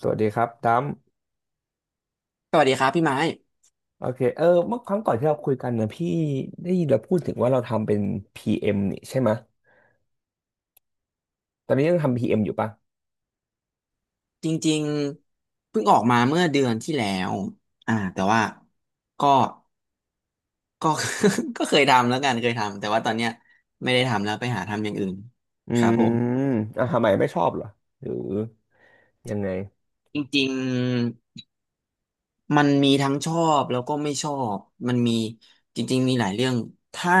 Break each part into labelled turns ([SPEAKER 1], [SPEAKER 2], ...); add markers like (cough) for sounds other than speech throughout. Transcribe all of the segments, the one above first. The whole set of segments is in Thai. [SPEAKER 1] สวัสดีครับดัม
[SPEAKER 2] สวัสดีครับพี่ไม้
[SPEAKER 1] โอเคเออเมื่อครั้งก่อนที่เราคุยกันนะพี่ได้ยินเราพูดถึงว่าเราทำเป็นพีเอ็ m นี่ใช่ไหมยตอนนี้ยังทำ p เอมอยู่ปะ
[SPEAKER 2] จริงๆเพิ่งออกมาเมื่อเดือนที่แล้วแต่ว่าก็ก็ (laughs) ก็เคยทำแล้วกันเคยทำแต่ว่าตอนเนี้ยไม่ได้ทำแล้วไปหาทำอย่างอื่น
[SPEAKER 1] อื
[SPEAKER 2] ครับ
[SPEAKER 1] ม
[SPEAKER 2] ผม
[SPEAKER 1] อ่ะทำไมไม่ชอบเหรอหรือยังไง
[SPEAKER 2] จริงๆมันมีทั้งชอบแล้วก็ไม่ชอบมันมีจริงๆมีหลายเรื่องถ้า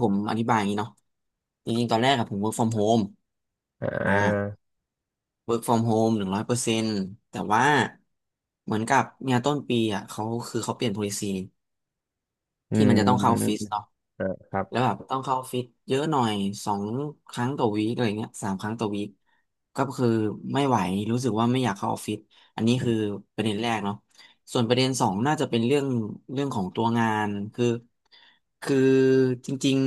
[SPEAKER 2] ผมอธิบายอย่างนี้เนาะจริงๆตอนแรกอะผม work from home
[SPEAKER 1] อ่
[SPEAKER 2] อ่า
[SPEAKER 1] า
[SPEAKER 2] work from home หนึ่งร้อยเปอร์เซ็นต์แต่ว่าเหมือนกับเนี่ยต้นปีอ่ะเขาเปลี่ยน policy
[SPEAKER 1] อื
[SPEAKER 2] ที่มันจะต้องเข้าออฟฟิศ
[SPEAKER 1] ม
[SPEAKER 2] เนาะ
[SPEAKER 1] อ่าครับ
[SPEAKER 2] แล้วแบบต้องเข้าออฟฟิศเยอะหน่อยสองครั้งต่อวีคอะไรเงี้ยสามครั้งต่อวีคก็คือไม่ไหวรู้สึกว่าไม่อยากเข้าออฟฟิศอันนี้คือประเด็นแรกเนาะส่วนประเด็นสองน่าจะเป็นเรื่องเรื่องของตัวงานคือจริง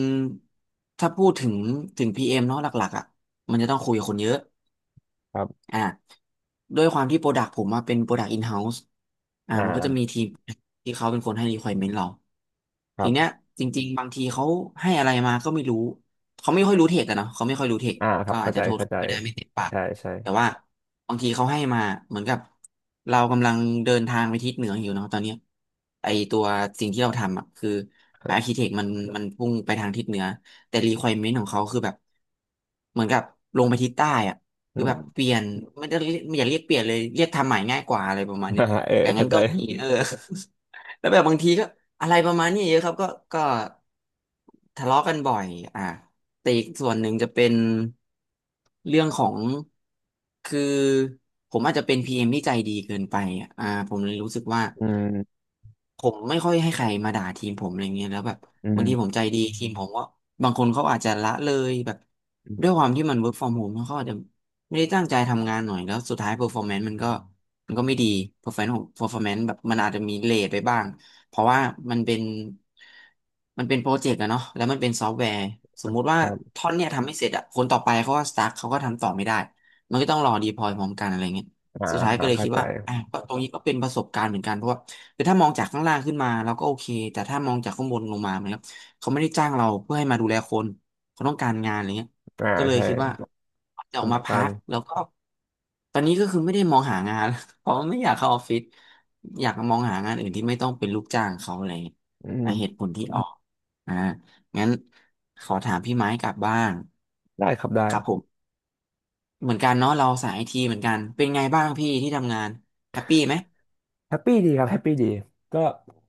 [SPEAKER 2] ๆถ้าพูดถึง PM เอ็มเนาะหลักๆอ่ะมันจะต้องคุยกับคนเยอะ
[SPEAKER 1] ครับ
[SPEAKER 2] อ่าด้วยความที่โปรดักผมมาเป็นโปรดักอินเฮ้าส์อ่ามันก็จะมี
[SPEAKER 1] อ่า
[SPEAKER 2] ทีมที่เขาเป็นคนให้ requirement เรา
[SPEAKER 1] ครั
[SPEAKER 2] ทีเนี้ย
[SPEAKER 1] บ
[SPEAKER 2] จริงๆบางทีเขาให้อะไรมาก็ไม่รู้เขาไม่ค่อยรู้เทคอะเนาะเขาไม่ค่อยรู้เทค
[SPEAKER 1] อ่าครั
[SPEAKER 2] ก็
[SPEAKER 1] บ
[SPEAKER 2] อา
[SPEAKER 1] เข้า
[SPEAKER 2] จจะ
[SPEAKER 1] ใจ
[SPEAKER 2] โทษ
[SPEAKER 1] เข้า
[SPEAKER 2] เขา
[SPEAKER 1] ใจ
[SPEAKER 2] ไม่ได้ไม่เต็มปาก
[SPEAKER 1] ใช่ใช่
[SPEAKER 2] แต่ว่าบางทีเขาให้มาเหมือนกับเรากำลังเดินทางไปทิศเหนืออยู่เนาะตอนเนี้ยไอตัวสิ่งที่เราทำอะคือ
[SPEAKER 1] (laughs) ครั
[SPEAKER 2] อาร์คิ
[SPEAKER 1] บ
[SPEAKER 2] เทคมันพุ่งไปทางทิศเหนือแต่ requirement ของเขาคือแบบเหมือนกับลงไปทิศใต้อะ
[SPEAKER 1] อื
[SPEAKER 2] คือแบบเป
[SPEAKER 1] ม
[SPEAKER 2] ลี่ยนไม่อยากเรียกเปลี่ยนเลยเรียกทำใหม่ง่ายกว่าอะไรประมาณเนี้
[SPEAKER 1] อ่า
[SPEAKER 2] ย
[SPEAKER 1] เออ
[SPEAKER 2] อย่าง
[SPEAKER 1] เข้า
[SPEAKER 2] นั้น
[SPEAKER 1] ใจ
[SPEAKER 2] ก็มีเออ (laughs) แล้วแบบบางทีก็อะไรประมาณนี้เยอะครับก็ทะเลาะกันบ่อยอ่ะแต่อีกส่วนหนึ่งจะเป็นเรื่องของคือผมอาจจะเป็นพีเอ็มที่ใจดีเกินไปอ่ะอ่าผมเลยรู้สึกว่า
[SPEAKER 1] อืม
[SPEAKER 2] ผมไม่ค่อยให้ใครมาด่าทีมผมอะไรเงี้ยแล้วแบบ
[SPEAKER 1] อื
[SPEAKER 2] บางทีผม
[SPEAKER 1] ม
[SPEAKER 2] ใจดีทีมผมก็บางคนเขาอาจจะละเลยแบบ
[SPEAKER 1] อื
[SPEAKER 2] ด้วย
[SPEAKER 1] ม
[SPEAKER 2] ความที่มัน work from home เขาอาจจะไม่ได้ตั้งใจทำงานหน่อยแล้วสุดท้าย performance มันก็ไม่ดี performance ของ performance แบบมันอาจจะมีเลทไปบ้างเพราะว่ามันเป็นมันเป็นโปรเจกต์อะเนาะแล้วมันเป็นซอฟต์แวร์สมมุติว่า
[SPEAKER 1] ครับ
[SPEAKER 2] ท่อนเนี่ยทำไม่เสร็จอะคนต่อไปเขาก็ stuck เขาก็ทำต่อไม่ได้มันก็ต้องรอ deploy พร้อมกันอะไรเงี้ย
[SPEAKER 1] อ่า
[SPEAKER 2] สุดท้ายก็เลย
[SPEAKER 1] เข้า
[SPEAKER 2] คิด
[SPEAKER 1] ใจ
[SPEAKER 2] ว่าอ่ะก็ตรงนี้ก็เป็นประสบการณ์เหมือนกันเพราะว่า คือถ้ามองจากข้างล่างขึ้นมาเราก็โอเคแต่ถ้ามองจากข้างบนลงมาเหมือนกับเขาไม่ได้จ้างเราเพื่อให้มาดูแลคนเขาต้องการงานอะไรเงี้ย
[SPEAKER 1] อ่า
[SPEAKER 2] ก็เลย
[SPEAKER 1] ใช่
[SPEAKER 2] คิดว่าจะ
[SPEAKER 1] ค
[SPEAKER 2] ออ
[SPEAKER 1] น
[SPEAKER 2] ก
[SPEAKER 1] ต้
[SPEAKER 2] มา
[SPEAKER 1] องกา
[SPEAKER 2] พั
[SPEAKER 1] ร
[SPEAKER 2] กแล้วก็ตอนนี้ก็คือไม่ได้มองหางาน (laughs) เพราะไม่อยากเข้าออฟฟิศอยากมองหางานอื่นที่ไม่ต้องเป็นลูกจ้างเขาอะไรเงี้ย
[SPEAKER 1] อื
[SPEAKER 2] อ่ะเห
[SPEAKER 1] ม
[SPEAKER 2] ตุผลที่ออกอ่างั้นขอถามพี่ไม้กลับบ้าง
[SPEAKER 1] ได้ครับได้
[SPEAKER 2] ครับผมเหมือนกันเนาะเราสายไอทีเหมือนกันเป็นไงบ้างพี่ที่ทำงานแฮปปี้ไหม
[SPEAKER 1] แฮปปี้ดีครับแฮปปี้ดีก็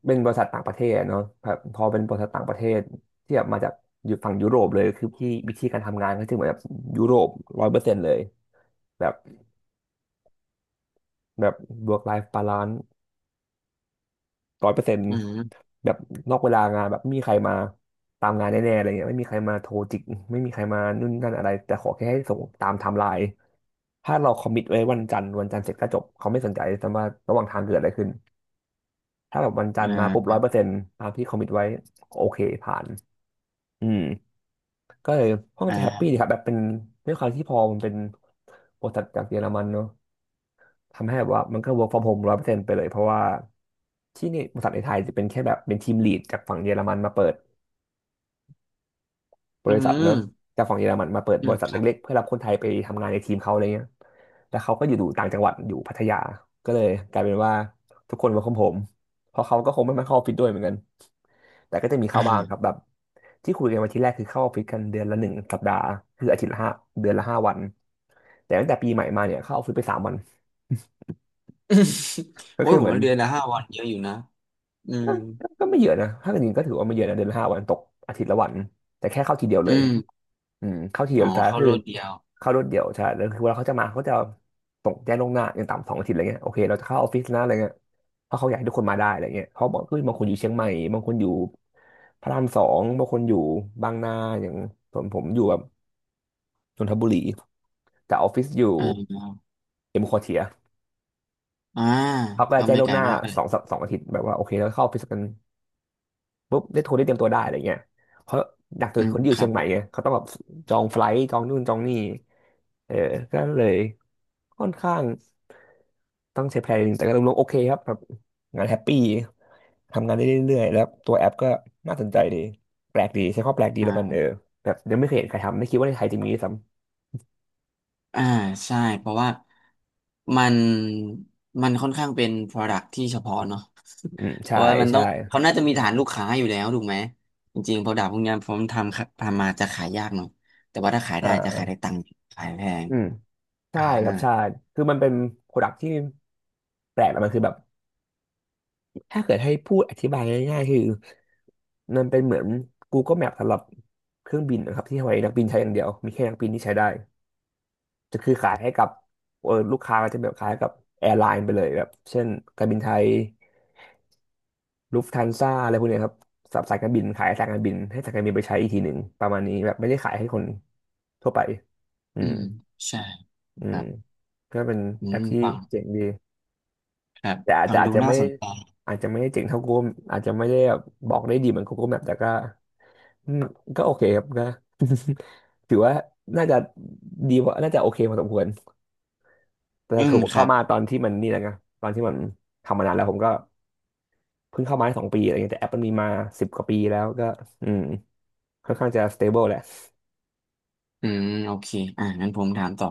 [SPEAKER 1] เป็นบริษัทต่างประเทศเนาะแบบพอเป็นบริษัทต่างประเทศที่แบบมาจากอยู่ฝั่งยุโรปเลยคือที่วิธีการทำงานก็จะเหมือนแบบยุโรปร้อยเปอร์เซ็นต์เลยแบบแบบ work life balance 100%
[SPEAKER 2] อืม
[SPEAKER 1] แบบนอกเวลางานแบบไม่มีใครมาตามงานแน่ๆอะไรเงี้ยไม่มีใครมาโทรจิกไม่มีใครมานู่นนั่นอะไรแต่ขอแค่ให้ส่งตามไทม์ไลน์ถ้าเราคอมมิตไว้วันจันทร์วันจันทร์เสร็จก็จบเขาไม่สนใจแต่ว่าระหว่างทางเกิดอะไรขึ้น ถ้าแบบวันจันท
[SPEAKER 2] อ่
[SPEAKER 1] ร์มาปุ๊บร้
[SPEAKER 2] า
[SPEAKER 1] อยเปอร์เซ็นต์ตามที่คอมมิตไว้โอเคผ่านอืมก็เลยห้อง
[SPEAKER 2] อ่
[SPEAKER 1] จะแฮปปี้ดีค
[SPEAKER 2] า
[SPEAKER 1] รับแบบเป็นด้วยความที่พอมันเป็นบริษัทจากเยอรมันเนอะทำให้แบบว่ามันก็ work from home 100%ไปเลยเพราะว่าที่นี่บริษัทในไทยจะเป็นแค่แบบเป็นทีมลีดจากฝั่งเยอรมันมาเปิด บ
[SPEAKER 2] อื
[SPEAKER 1] ริษัทเนอะ
[SPEAKER 2] ม
[SPEAKER 1] จากฝั่งเยอรมันมาเปิด
[SPEAKER 2] อื
[SPEAKER 1] บ
[SPEAKER 2] ม
[SPEAKER 1] ริษัท
[SPEAKER 2] ครับ
[SPEAKER 1] เล็กๆเพื่อรับคนไทยไปทำงานในทีมเขาอะไรเงี้ยแล้วเขาก็อยู่ต่างจังหวัดอยู่พัทยาก็เลยกลายเป็นว่าทุกคน work from home เพราะเขาก็คงไม่มาเข้าออฟฟิศด้วยเหมือนกันแต่ก็จะมีเข้า
[SPEAKER 2] อ่า
[SPEAKER 1] บ้าง
[SPEAKER 2] (laughs)
[SPEAKER 1] ครับแบบที่คุยกันวันที่แรกคือเข้าออฟฟิศกันเดือนละ1 สัปดาห์คืออาทิตย์ละห้าเดือนละห้าวันแต่ตั้งแต่ปีใหม่มาเนี่ยเข้าออฟฟิศไป3 วัน
[SPEAKER 2] อืม
[SPEAKER 1] ก็
[SPEAKER 2] โอ้ย
[SPEAKER 1] คือ
[SPEAKER 2] ผ
[SPEAKER 1] เห
[SPEAKER 2] ม
[SPEAKER 1] มือน
[SPEAKER 2] มาเรียนนะห้าวันเยอะอยู่นะอื
[SPEAKER 1] ก็
[SPEAKER 2] ม
[SPEAKER 1] ก็ไม่เยอะนะถ้าเกิดจริงก็ถือว่าไม่เยอะนะเดือนละห้าวันตกอาทิตย์ละวันแต่แค่เข้าทีเดียวเล
[SPEAKER 2] อื
[SPEAKER 1] ย
[SPEAKER 2] ม
[SPEAKER 1] อืมเข้าทีเดี
[SPEAKER 2] อ๋อ
[SPEAKER 1] ยวซะ
[SPEAKER 2] เข้า
[SPEAKER 1] คือ
[SPEAKER 2] รถเดียว
[SPEAKER 1] เข้ารวดเดียวใช่แล้วคือเวลาเขาจะมาเขาจะส่งแจ้งล่วงหน้าอย่างต่ำสองอาทิตย์อะไรเงี้ยโอเคเราจะเข้าออฟฟิศนะอะไรเงี้ยเพราะเขาอยากให้ทุกคนมาได้อะไรเงี้ยเพราะบอกเฮ้อบางคนอยู่เชียงใหม่บางคนอยู่พระราม 2บางคนอยู่บางนาอย่างผมผมอยู่แบบนนทบุรีแต่ออฟฟิศอยู่
[SPEAKER 2] อ่า
[SPEAKER 1] เอ็มควอเทีย
[SPEAKER 2] อ่า
[SPEAKER 1] เขาก็
[SPEAKER 2] ก็
[SPEAKER 1] จะแจ้ง
[SPEAKER 2] ไม่
[SPEAKER 1] ล่ว
[SPEAKER 2] ไก
[SPEAKER 1] ง
[SPEAKER 2] ล
[SPEAKER 1] หน้า
[SPEAKER 2] มากเล
[SPEAKER 1] ส
[SPEAKER 2] ย
[SPEAKER 1] องสองอาทิตย์แบบว่าโอเคเราเข้าออฟฟิศกัน ปุ๊บได้โทรได้เตรียมตัวได้อะไรเงี้ยเพราะักสุ
[SPEAKER 2] อื
[SPEAKER 1] ด
[SPEAKER 2] ม
[SPEAKER 1] คนที่อ
[SPEAKER 2] ค
[SPEAKER 1] ยู่
[SPEAKER 2] รั
[SPEAKER 1] เชีย
[SPEAKER 2] บ
[SPEAKER 1] งให
[SPEAKER 2] ผ
[SPEAKER 1] ม่
[SPEAKER 2] ม
[SPEAKER 1] ไงเขาต้องแบบจองไฟลท์จองนู่นจองนี่เออก็เลยค่อนข้างต้องใช้แพลนนิดนึงแต่ก็รวมๆโอเคครับแบบงานแฮปปี้ทำงานได้เรื่อยๆแล้วตัวแอปก็น่าสนใจดีแปลกดีใช้คำว่าแปลกดี
[SPEAKER 2] อ่
[SPEAKER 1] แล้วกัน
[SPEAKER 2] า
[SPEAKER 1] เออแบบยังไม่เคยเห็นใครทำไม่คิดว่าในไทยจะมีด้วยซ้
[SPEAKER 2] อ่าใช่เพราะว่ามันมันค่อนข้างเป็น product ที่เฉพาะเนาะ
[SPEAKER 1] ำอืม
[SPEAKER 2] (laughs) เพ
[SPEAKER 1] ใช่
[SPEAKER 2] ราะว่ามันต้อ
[SPEAKER 1] ใช่
[SPEAKER 2] งเขาน่าจะมีฐานลูกค้าอยู่แล้วถูกไหม จริงๆ product พวกเนี้ยผมทำครับทำมาจะขายยากหน่อยแต่ว่าถ้าขาย
[SPEAKER 1] อ
[SPEAKER 2] ได้จะขาย
[SPEAKER 1] ่า
[SPEAKER 2] ได้ตังค์ขายแพง
[SPEAKER 1] อืม
[SPEAKER 2] อ่า
[SPEAKER 1] ใช่ครับใช่คือมันเป็นโปรดักที่แปลกแล้วมันคือแบบถ้าเกิดให้พูดอธิบายง่ายๆคือ นั่นเป็นเหมือน Google Map สำหรับเครื่องบินนะครับที่ไว้นักบินใช้อย่างเดียวมีแค่นักบินที่ใช้ได้จะคือขายให้กับเออลูกค้าก็จะแบบขายให้กับแอร์ไลน์ไปเลยแบบเช่นการบินไทยลูฟทันซ่าอะไรพวกเนี้ยครับสำหรับสายการบินขายให้สายการบินให้สายการบินไปใช้อีกทีหนึ่งประมาณนี้แบบไม่ได้ขายให้คนทั่วไปอื
[SPEAKER 2] อื
[SPEAKER 1] ม
[SPEAKER 2] มใช่
[SPEAKER 1] อื
[SPEAKER 2] ครั
[SPEAKER 1] ม
[SPEAKER 2] บ
[SPEAKER 1] ก็เป็น
[SPEAKER 2] อื
[SPEAKER 1] แอ
[SPEAKER 2] ม
[SPEAKER 1] ปที่
[SPEAKER 2] ฟัง
[SPEAKER 1] เจ๋งดี
[SPEAKER 2] ครับ
[SPEAKER 1] แต่
[SPEAKER 2] ฟังดูน่าสนใจ
[SPEAKER 1] อาจจะไม่ได้เจ๋งเท่า Google อาจจะไม่ได้แบบบอกได้ดีเหมือน Google Map แต่ก็อืมก็โอเคครับก็ ถือว่าน่าจะดีกว่าน่าจะโอเคพอสมควรแต่
[SPEAKER 2] อื
[SPEAKER 1] คื
[SPEAKER 2] ม
[SPEAKER 1] อผม
[SPEAKER 2] ครั
[SPEAKER 1] เข้า
[SPEAKER 2] บ
[SPEAKER 1] มาตอนที่มันนี่แหละไงตอนที่มันทำมานานแล้วผมก็เพิ่งเข้ามาได้สองปีอะไรเงี้ยแต่แอปมันมีมาสิบกว่าปีแล้วก็อืมค่อนข้างจะสเตเบิลแหละ
[SPEAKER 2] อืมโอเคอ่ะงั้นผมถามต่อ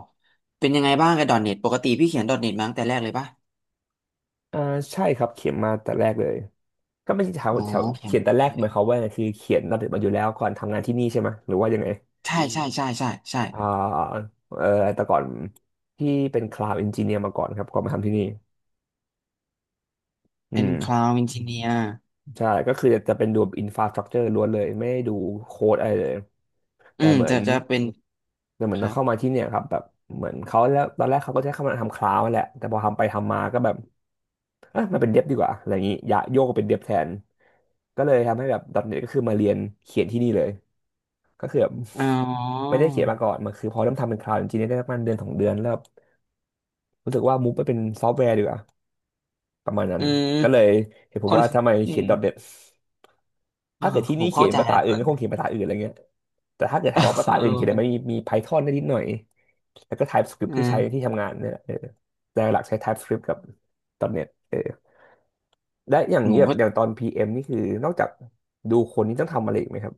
[SPEAKER 2] เป็นยังไงบ้างกับ .NET ปกติพี่เขียน .NET มาตั้งแต่แรกเลยปะ
[SPEAKER 1] อ่าใช่ครับเขียนมาแต่แรกเลยก็ไม่ใช่แถว
[SPEAKER 2] อ๋อ
[SPEAKER 1] แถว
[SPEAKER 2] เขียน
[SPEAKER 1] เขียน
[SPEAKER 2] มา
[SPEAKER 1] แต่แร
[SPEAKER 2] ตั้
[SPEAKER 1] ก
[SPEAKER 2] งแต่แร
[SPEAKER 1] หมา
[SPEAKER 2] ก
[SPEAKER 1] ยความว่าไงคือเขียนระเบียบมาอยู่แล้วก่อนทำงานที่นี่ใช่ไหมหรือว่ายังไง
[SPEAKER 2] ใช่
[SPEAKER 1] อ่าเออแต่ก่อนพี่เป็นคลาวด์เอนจิเนียร์มาก่อนครับก่อนมาทำที่นี่
[SPEAKER 2] เป็
[SPEAKER 1] อื
[SPEAKER 2] น
[SPEAKER 1] ม
[SPEAKER 2] Cloud Engineer
[SPEAKER 1] ใช่ก็คือจะเป็นดูอินฟราสตรักเจอร์ล้วนเลยไม่ได้ดูโค้ดอะไรเลย
[SPEAKER 2] อื
[SPEAKER 1] แต่
[SPEAKER 2] ม
[SPEAKER 1] เหมือ
[SPEAKER 2] จะ
[SPEAKER 1] น
[SPEAKER 2] จะเป็น
[SPEAKER 1] แต่เหมื
[SPEAKER 2] ค
[SPEAKER 1] อน
[SPEAKER 2] รั
[SPEAKER 1] เอา
[SPEAKER 2] บ
[SPEAKER 1] เข้ามาที่เนี่ยครับแบบเหมือนเขาแล้วตอนแรกเขาก็จะให้เข้ามาทำคลาวด์นั่นแหละแต่พอทำไปทำมาก็แบบเอ่ะมันเป็นเดบดีกว่าอะไรอย่างนี้อย่าโยกมาเป็นเดบแทนก็เลยทำให้แบบดอทเน็ตก็คือมาเรียนเขียนที่นี่เลยก็คือแบบ
[SPEAKER 2] อ๋
[SPEAKER 1] ไม่
[SPEAKER 2] อ
[SPEAKER 1] ได้เขียนมาก่อนมันคือพอเริ่มทำเป็นคลาวด์จริงๆได้ประมาณเดือนสองเดือนแล้วแบบรู้สึกว่ามูฟไปเป็นซอฟต์แวร์ดีกว่าประมาณนั้
[SPEAKER 2] อื
[SPEAKER 1] น
[SPEAKER 2] ม
[SPEAKER 1] ก็เลยเห็นผ
[SPEAKER 2] ค
[SPEAKER 1] ม
[SPEAKER 2] น
[SPEAKER 1] ว่าทำไม
[SPEAKER 2] อื
[SPEAKER 1] เขีย
[SPEAKER 2] ม
[SPEAKER 1] นดอทเน็ต
[SPEAKER 2] อ่า
[SPEAKER 1] ถ้าเกิดที่
[SPEAKER 2] ผ
[SPEAKER 1] นี่
[SPEAKER 2] ม
[SPEAKER 1] เขี
[SPEAKER 2] เข้า
[SPEAKER 1] ยน
[SPEAKER 2] ใจ
[SPEAKER 1] ภาษา
[SPEAKER 2] แล้ว
[SPEAKER 1] อื่นก็คงเขียนภาษาอื่นอะไรเงี้ยแต่ถ้าเกิดถามว่าภา
[SPEAKER 2] (laughs)
[SPEAKER 1] ษาอื่นเขีย
[SPEAKER 2] เออ
[SPEAKER 1] นอะไรไหมมี Python ได้นิดหน่อย แล้วก็ TypeScript
[SPEAKER 2] อื
[SPEAKER 1] ที่ใช้ที่
[SPEAKER 2] ม
[SPEAKER 1] ทำงานเนี่ยแเออแต่หลักใช้ TypeScript กับตอนตเออได้อย่าง
[SPEAKER 2] ห
[SPEAKER 1] นี้
[SPEAKER 2] นู
[SPEAKER 1] แบบ
[SPEAKER 2] ก็
[SPEAKER 1] อย่างตอน PM นี่คือนอกจากดูคนนี่ต้องทำอะไรอีกไหมครับ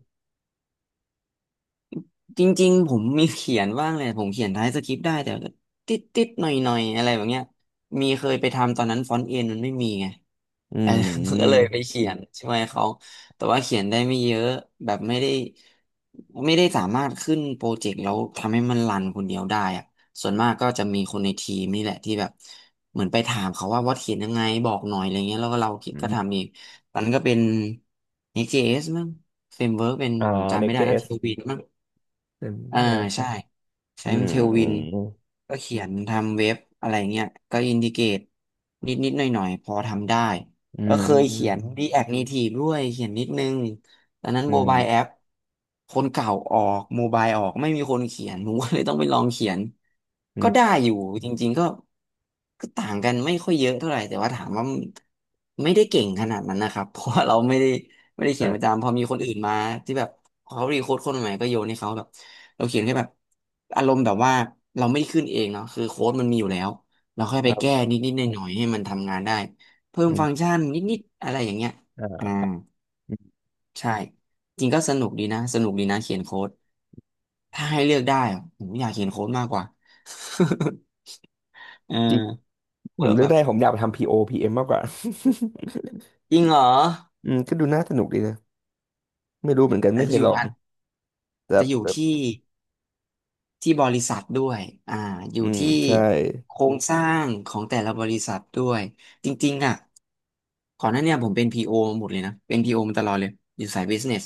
[SPEAKER 2] จริงๆผมมีเขียนบ้างเลยผมเขียนท้ายสคริปต์ได้แต่ก็ติดหน่อยอะไรแบบเนี้ยมีเคยไปทำตอนนั้นฟอนต์เอ็นมันไม่มีไง
[SPEAKER 1] อื
[SPEAKER 2] เออ (laughs) ก็อเลยไป
[SPEAKER 1] ม
[SPEAKER 2] เขียนช่วยเขาแต่ว่าเขียนได้ไม่เยอะแบบไม่ได้ไม่ได้สามารถขึ้นโปรเจกต์แล้วทำให้มันรันคนเดียวได้อะส่วนมากก็จะมีคนในทีมนี่แหละที่แบบเหมือนไปถามเขาว่าวัดเขียนยังไงบอกหน่อยอะไรเงี้ยแล้วก็เรา
[SPEAKER 1] อ
[SPEAKER 2] ก็
[SPEAKER 1] ม
[SPEAKER 2] ทำเองตอนนั้นก็เป็น e x s มั้งเฟรมเวิร์กเป็นผม
[SPEAKER 1] อ่า
[SPEAKER 2] จำไม่ได้แล้วเท
[SPEAKER 1] Next.js
[SPEAKER 2] ลวินมั้ง
[SPEAKER 1] อืม
[SPEAKER 2] อ่า
[SPEAKER 1] น่าจะใช่
[SPEAKER 2] ใช่ใช้
[SPEAKER 1] อืม
[SPEAKER 2] เทล
[SPEAKER 1] อื
[SPEAKER 2] วิน
[SPEAKER 1] ม
[SPEAKER 2] ก็เขียนทำเว็บอะไรเงี้ยก็อินดิเกตนิดนิดหน่อยหน่อยๆพอทำได้
[SPEAKER 1] อื
[SPEAKER 2] ก็เคยเขียน
[SPEAKER 1] ม
[SPEAKER 2] React Native ด้วยเขียนนิดนึงตอนนั้น
[SPEAKER 1] อื
[SPEAKER 2] โมบายแอ
[SPEAKER 1] ม
[SPEAKER 2] ปคนเก่าออกโมบายออกไม่มีคนเขียนผมก็เลยต้องไปลองเขียน
[SPEAKER 1] อื
[SPEAKER 2] ก็ได้
[SPEAKER 1] ม
[SPEAKER 2] อยู่จริงๆก็ต่างกันไม่ค่อยเยอะเท่าไหร่แต่ว่าถามว่าไม่ได้เก่งขนาดนั้นนะครับ (laughs) เพราะว่าเราไม่ได้ไม่ได้
[SPEAKER 1] อ่
[SPEAKER 2] เขียนประ
[SPEAKER 1] า
[SPEAKER 2] จำพอมีคนอื่นมาที่แบบเขารีโค้ดคนใหม่ก็โยนให้เขาแบบ เราเขียนแค่แบบอารมณ์แบบว่าเราไม่ได้ขึ้นเองเนาะคือโค้ดมันมีอยู่แล้วเราค่อย
[SPEAKER 1] ค
[SPEAKER 2] ไป
[SPEAKER 1] รั
[SPEAKER 2] แก้
[SPEAKER 1] บ
[SPEAKER 2] นิดๆหน่อยหน่อยๆให้มันทำงานได้เพิ่ม
[SPEAKER 1] อื
[SPEAKER 2] ฟังก์
[SPEAKER 1] ม
[SPEAKER 2] ชันนิดๆอะไรอย่างเงี้ย
[SPEAKER 1] อ่
[SPEAKER 2] อ่า
[SPEAKER 1] า
[SPEAKER 2] ใช่จริงก็สนุกดีนะสนุกดีนะเขียนโค้ดถ้าให้เลือกได้อะผมอยากเขียนโค้ดมากกว่า (laughs) เออ
[SPEAKER 1] จริงผม
[SPEAKER 2] แล้ว
[SPEAKER 1] เลือ
[SPEAKER 2] แบ
[SPEAKER 1] ก
[SPEAKER 2] บ
[SPEAKER 1] ได้ผมอยากไปทำ PO PM มมากกว่า
[SPEAKER 2] จริงเหรอ
[SPEAKER 1] (laughs) อืมก็ดูน่าสนุกดีนะ ไม่รู้เหมือนกัน
[SPEAKER 2] อา
[SPEAKER 1] ไม่
[SPEAKER 2] จ
[SPEAKER 1] เค
[SPEAKER 2] จะอ
[SPEAKER 1] ย
[SPEAKER 2] ยู่
[SPEAKER 1] ลอง
[SPEAKER 2] อาจ
[SPEAKER 1] แต่
[SPEAKER 2] จะอยู่
[SPEAKER 1] แบบ
[SPEAKER 2] ที่ บริษัทด้วยอ่าอยู่
[SPEAKER 1] อืม
[SPEAKER 2] ที่
[SPEAKER 1] ใช่
[SPEAKER 2] โครงสร้างของแต่ละบริษัทด้วยจริงๆอ่ะก่อนหน้าเนี่ยผมเป็น PO หมดเลยนะเป็น PO มาตลอดเลยอยู่สาย business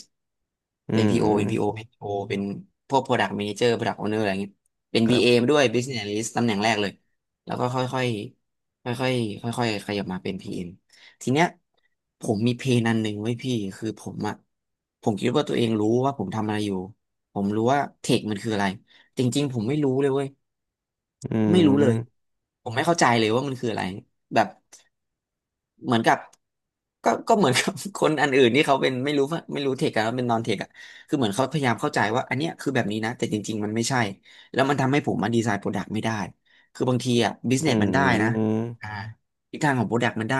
[SPEAKER 1] อื
[SPEAKER 2] เป็น PO เป็น PO
[SPEAKER 1] ม
[SPEAKER 2] เป็น PO เป็นพวก product manager product owner อะไรเงี้ยเป็น
[SPEAKER 1] ครั
[SPEAKER 2] BA
[SPEAKER 1] บ
[SPEAKER 2] มาด้วย business analyst ตำแหน่งแรกเลยแล้วก็ค่อยๆค่อยๆค่อยๆขยับมาเป็น PM ทีเนี้ยผมมีเพนอันหนึ่งไว้ยพี่คือผมอะผมคิดว่าตัวเองรู้ว่าผมทำอะไรอยู่ผมรู้ว่าเทคมันคืออะไร จริงๆผมไม่รู้เลยเว้ย
[SPEAKER 1] อื
[SPEAKER 2] ไม่รู้เลย
[SPEAKER 1] ม
[SPEAKER 2] ผมไม่เข้าใจเลยว่ามันคืออะไรแบบเหมือนกับก็เหมือนกับ (laughs) คนอันอื่นที่เขาเป็นไม่รู้ว่าไม่รู้เทคอะเป็นนอนเทคอะคือเหมือนเขาพยายามเข้าใจว่าอันเนี้ยคือแบบนี้นะแต่จริงๆมันไม่ใช่แล้วมันทำให้ผมมาดีไซน์โปรดักต์ไม่ได้คือบางทีอะบิส
[SPEAKER 1] อื
[SPEAKER 2] เนสมันได้นะ
[SPEAKER 1] ม
[SPEAKER 2] อ่าทิศทางของโปรดักต์มันได้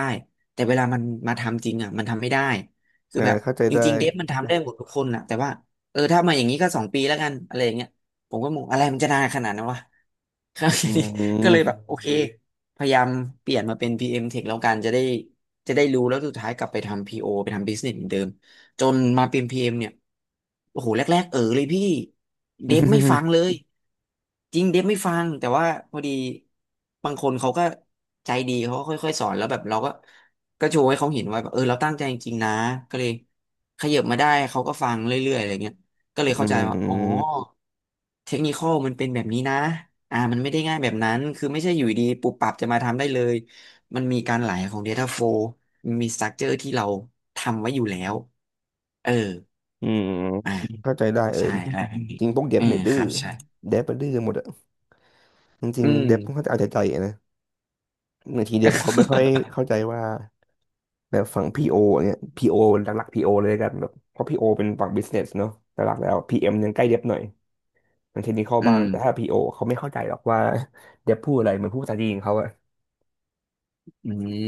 [SPEAKER 2] แต่เวลามันมาทำจริงอะมันทำไม่ได้คือแบบ
[SPEAKER 1] เข้าใจ
[SPEAKER 2] จ
[SPEAKER 1] ได้
[SPEAKER 2] ริงๆเดฟมันทำได้หมดทุกคนนะแต่ว่าเออถ้ามาอย่างนี้ก็2 ปีแล้วกันอะไรอย่างเงี้ย ผมก็มองอะไรมันจะนานขนาดนั้นวะครับ
[SPEAKER 1] อื
[SPEAKER 2] ทีนี้ (laughs) ก็เลยแบบ
[SPEAKER 1] ม
[SPEAKER 2] โอเคพยายามเปลี่ยนมาเป็น PM Tech แล้วกันจะได้รู้แล้วสุดท้ายกลับไปทำ PO ไปทำ Business เหมือนเดิมจนมาเป็น PM เอ็มเนี่ยโอ้โหแรกๆเออเลยพี่เดฟไม่ฟั
[SPEAKER 1] (laughs)
[SPEAKER 2] งเลย จริงเดฟไม่ฟังแต่ว่าพอดีบางคนเขาก็ใจดีเขาก็ค่อยๆสอนแล้วแบบเราก็โชว์ให้เขาเห็นว่าแบบเออเราตั้งใจจริงๆนะก็เลยขยับมาได้เขาก็ฟังเรื่อยๆอะไรเงี้ยก็เลย
[SPEAKER 1] อื
[SPEAKER 2] เข้าใจว่าอ๋อ
[SPEAKER 1] ม
[SPEAKER 2] เทคนิคอลมันเป็นแบบนี้นะมันไม่ได้ง่ายแบบนั้นคือไม่ใช่อยู่ดีปุบปับจะมาทำได้เลยมันมีการไหลของ Data Flow มันมี Structure ที่เราทำไว้อยู่แล้วเออ
[SPEAKER 1] อืม
[SPEAKER 2] อ่า
[SPEAKER 1] เข้าใจได้เออ
[SPEAKER 2] ใช่อะไรแบบนี้
[SPEAKER 1] จริงพวกเด็
[SPEAKER 2] อื
[SPEAKER 1] บ
[SPEAKER 2] ม
[SPEAKER 1] เนี่ยดื้
[SPEAKER 2] ค
[SPEAKER 1] อ
[SPEAKER 2] รับใช่
[SPEAKER 1] เด็บมันดื้อกันหมดอะจริ
[SPEAKER 2] อื
[SPEAKER 1] งๆ
[SPEAKER 2] ม
[SPEAKER 1] เด็บค่อนข้างจะเอาใจใจอะนะบางทีเด็บเขาไม่ค่อย
[SPEAKER 2] (laughs)
[SPEAKER 1] เข้าใจว่าแบบฝั่งพีโอเนี่ยพีโอหลักๆพีโอเลยกันแบบเพราะพีโอเป็นฝั่งบิสเนสเนาะหลักๆแล้วพีเอ็มยังใกล้เด็บหน่อย มันเทคนิคเข้า
[SPEAKER 2] อื
[SPEAKER 1] บ้าง
[SPEAKER 2] ม
[SPEAKER 1] แต่ถ้า
[SPEAKER 2] (laughs)
[SPEAKER 1] พีโอเขาไม่เข้าใจหรอกว่า (laughs) เดฟพูดอะไรเหมือนพูดภาษาจีนเขาอะ
[SPEAKER 2] อืม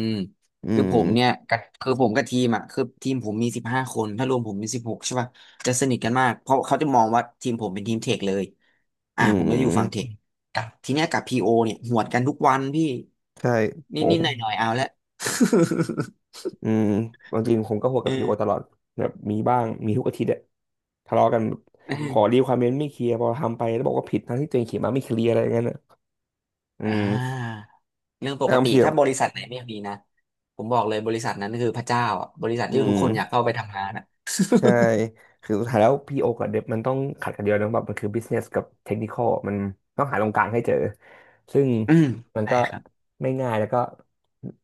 [SPEAKER 1] อืม
[SPEAKER 2] คือผมกับทีมอ่ะคือทีมผมมี15 คนถ้ารวมผมเป็น16ใช่ป่ะจะสนิทกันมากเพราะเขาจะมองว่าทีมผมเป็นทีมเทคเลย
[SPEAKER 1] อื
[SPEAKER 2] ผมไม่ได้อยู่ฝั่งเท
[SPEAKER 1] ม
[SPEAKER 2] คกับทีเนี้ยกับพีโอเนี่ยหวดกันทุกวันพี่
[SPEAKER 1] ใช่โห
[SPEAKER 2] นิดนิดหน่อยหน่อยๆเอาละ (laughs)
[SPEAKER 1] อืมความจริงผมก็หัว
[SPEAKER 2] เอ
[SPEAKER 1] กับพีโอตล
[SPEAKER 2] อ
[SPEAKER 1] อดแบบมีบ้างมีทุกอาทิตย์อะทะเลาะกันขอรี
[SPEAKER 2] (laughs)
[SPEAKER 1] ควอร e เมนต์ไม่เคลียร์พอทำไปแล้วบอกว่าผิดทั้งที่ตัวเองเขียนมาไม่เคลียร์อะไรอย่างเงี้ยน่ะอื
[SPEAKER 2] อ่
[SPEAKER 1] ม
[SPEAKER 2] าเรื่องป
[SPEAKER 1] แล้ว
[SPEAKER 2] ก
[SPEAKER 1] บาง
[SPEAKER 2] ติ
[SPEAKER 1] ทีแบ
[SPEAKER 2] ถ้า
[SPEAKER 1] บ
[SPEAKER 2] บริษัทไหนไม่มีนะผมบอกเลยบริษัทนั้นคือพระเจ้าอะบริษัท
[SPEAKER 1] อื
[SPEAKER 2] ที่ทุก
[SPEAKER 1] ม
[SPEAKER 2] คนอยากเข้าไปทำงานอ่ะ
[SPEAKER 1] ใช่คือสุดท้ายแล้วพีโอกับเดฟมันต้องขัดกันเดียวนะแบบมันคือบิสเนสกับเทคนิค a l มันต้องหาตรงกลางให้เจอซึ่ง
[SPEAKER 2] (laughs) อืม
[SPEAKER 1] มัน
[SPEAKER 2] ใช่
[SPEAKER 1] ก็
[SPEAKER 2] ครับ
[SPEAKER 1] ไม่ง่ายแล้วก็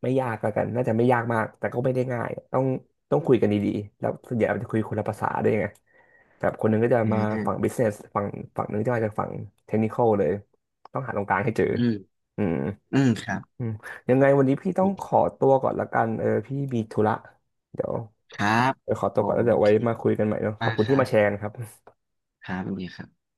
[SPEAKER 1] ไม่ยากแล้วกันน่าจะไม่ยากมากแต่ก็ไม่ได้ง่ายต้องคุยกันดีๆแล้วส่วนใหญ่มันจะคุยคนละภาษาด้วยไงแบบคนหนึงก็จะ
[SPEAKER 2] อื
[SPEAKER 1] มา
[SPEAKER 2] มอืม
[SPEAKER 1] ฝั่งบิสเนสฝั่งหนึงจะมาจากฝั่งเทคนิค a l เลยต้องหาตรงกลางให้เจออืม
[SPEAKER 2] อืมครับ
[SPEAKER 1] อืมยังไงวันนี้พี่ต้องขอตัวก่อนละกันเออพี่มีธุระเดี๋ยว
[SPEAKER 2] ครับ
[SPEAKER 1] เดี๋ยวขอตั
[SPEAKER 2] ผ
[SPEAKER 1] วก่อนแล้
[SPEAKER 2] ม
[SPEAKER 1] วเดี๋ยวไว้
[SPEAKER 2] คิด
[SPEAKER 1] มาคุยกันใหม่เนอะขอ
[SPEAKER 2] มา
[SPEAKER 1] บ
[SPEAKER 2] ก
[SPEAKER 1] คุณ
[SPEAKER 2] ค
[SPEAKER 1] ที่
[SPEAKER 2] รั
[SPEAKER 1] มาแชร์
[SPEAKER 2] บ
[SPEAKER 1] นะครับ
[SPEAKER 2] ครับสวัสดีครับ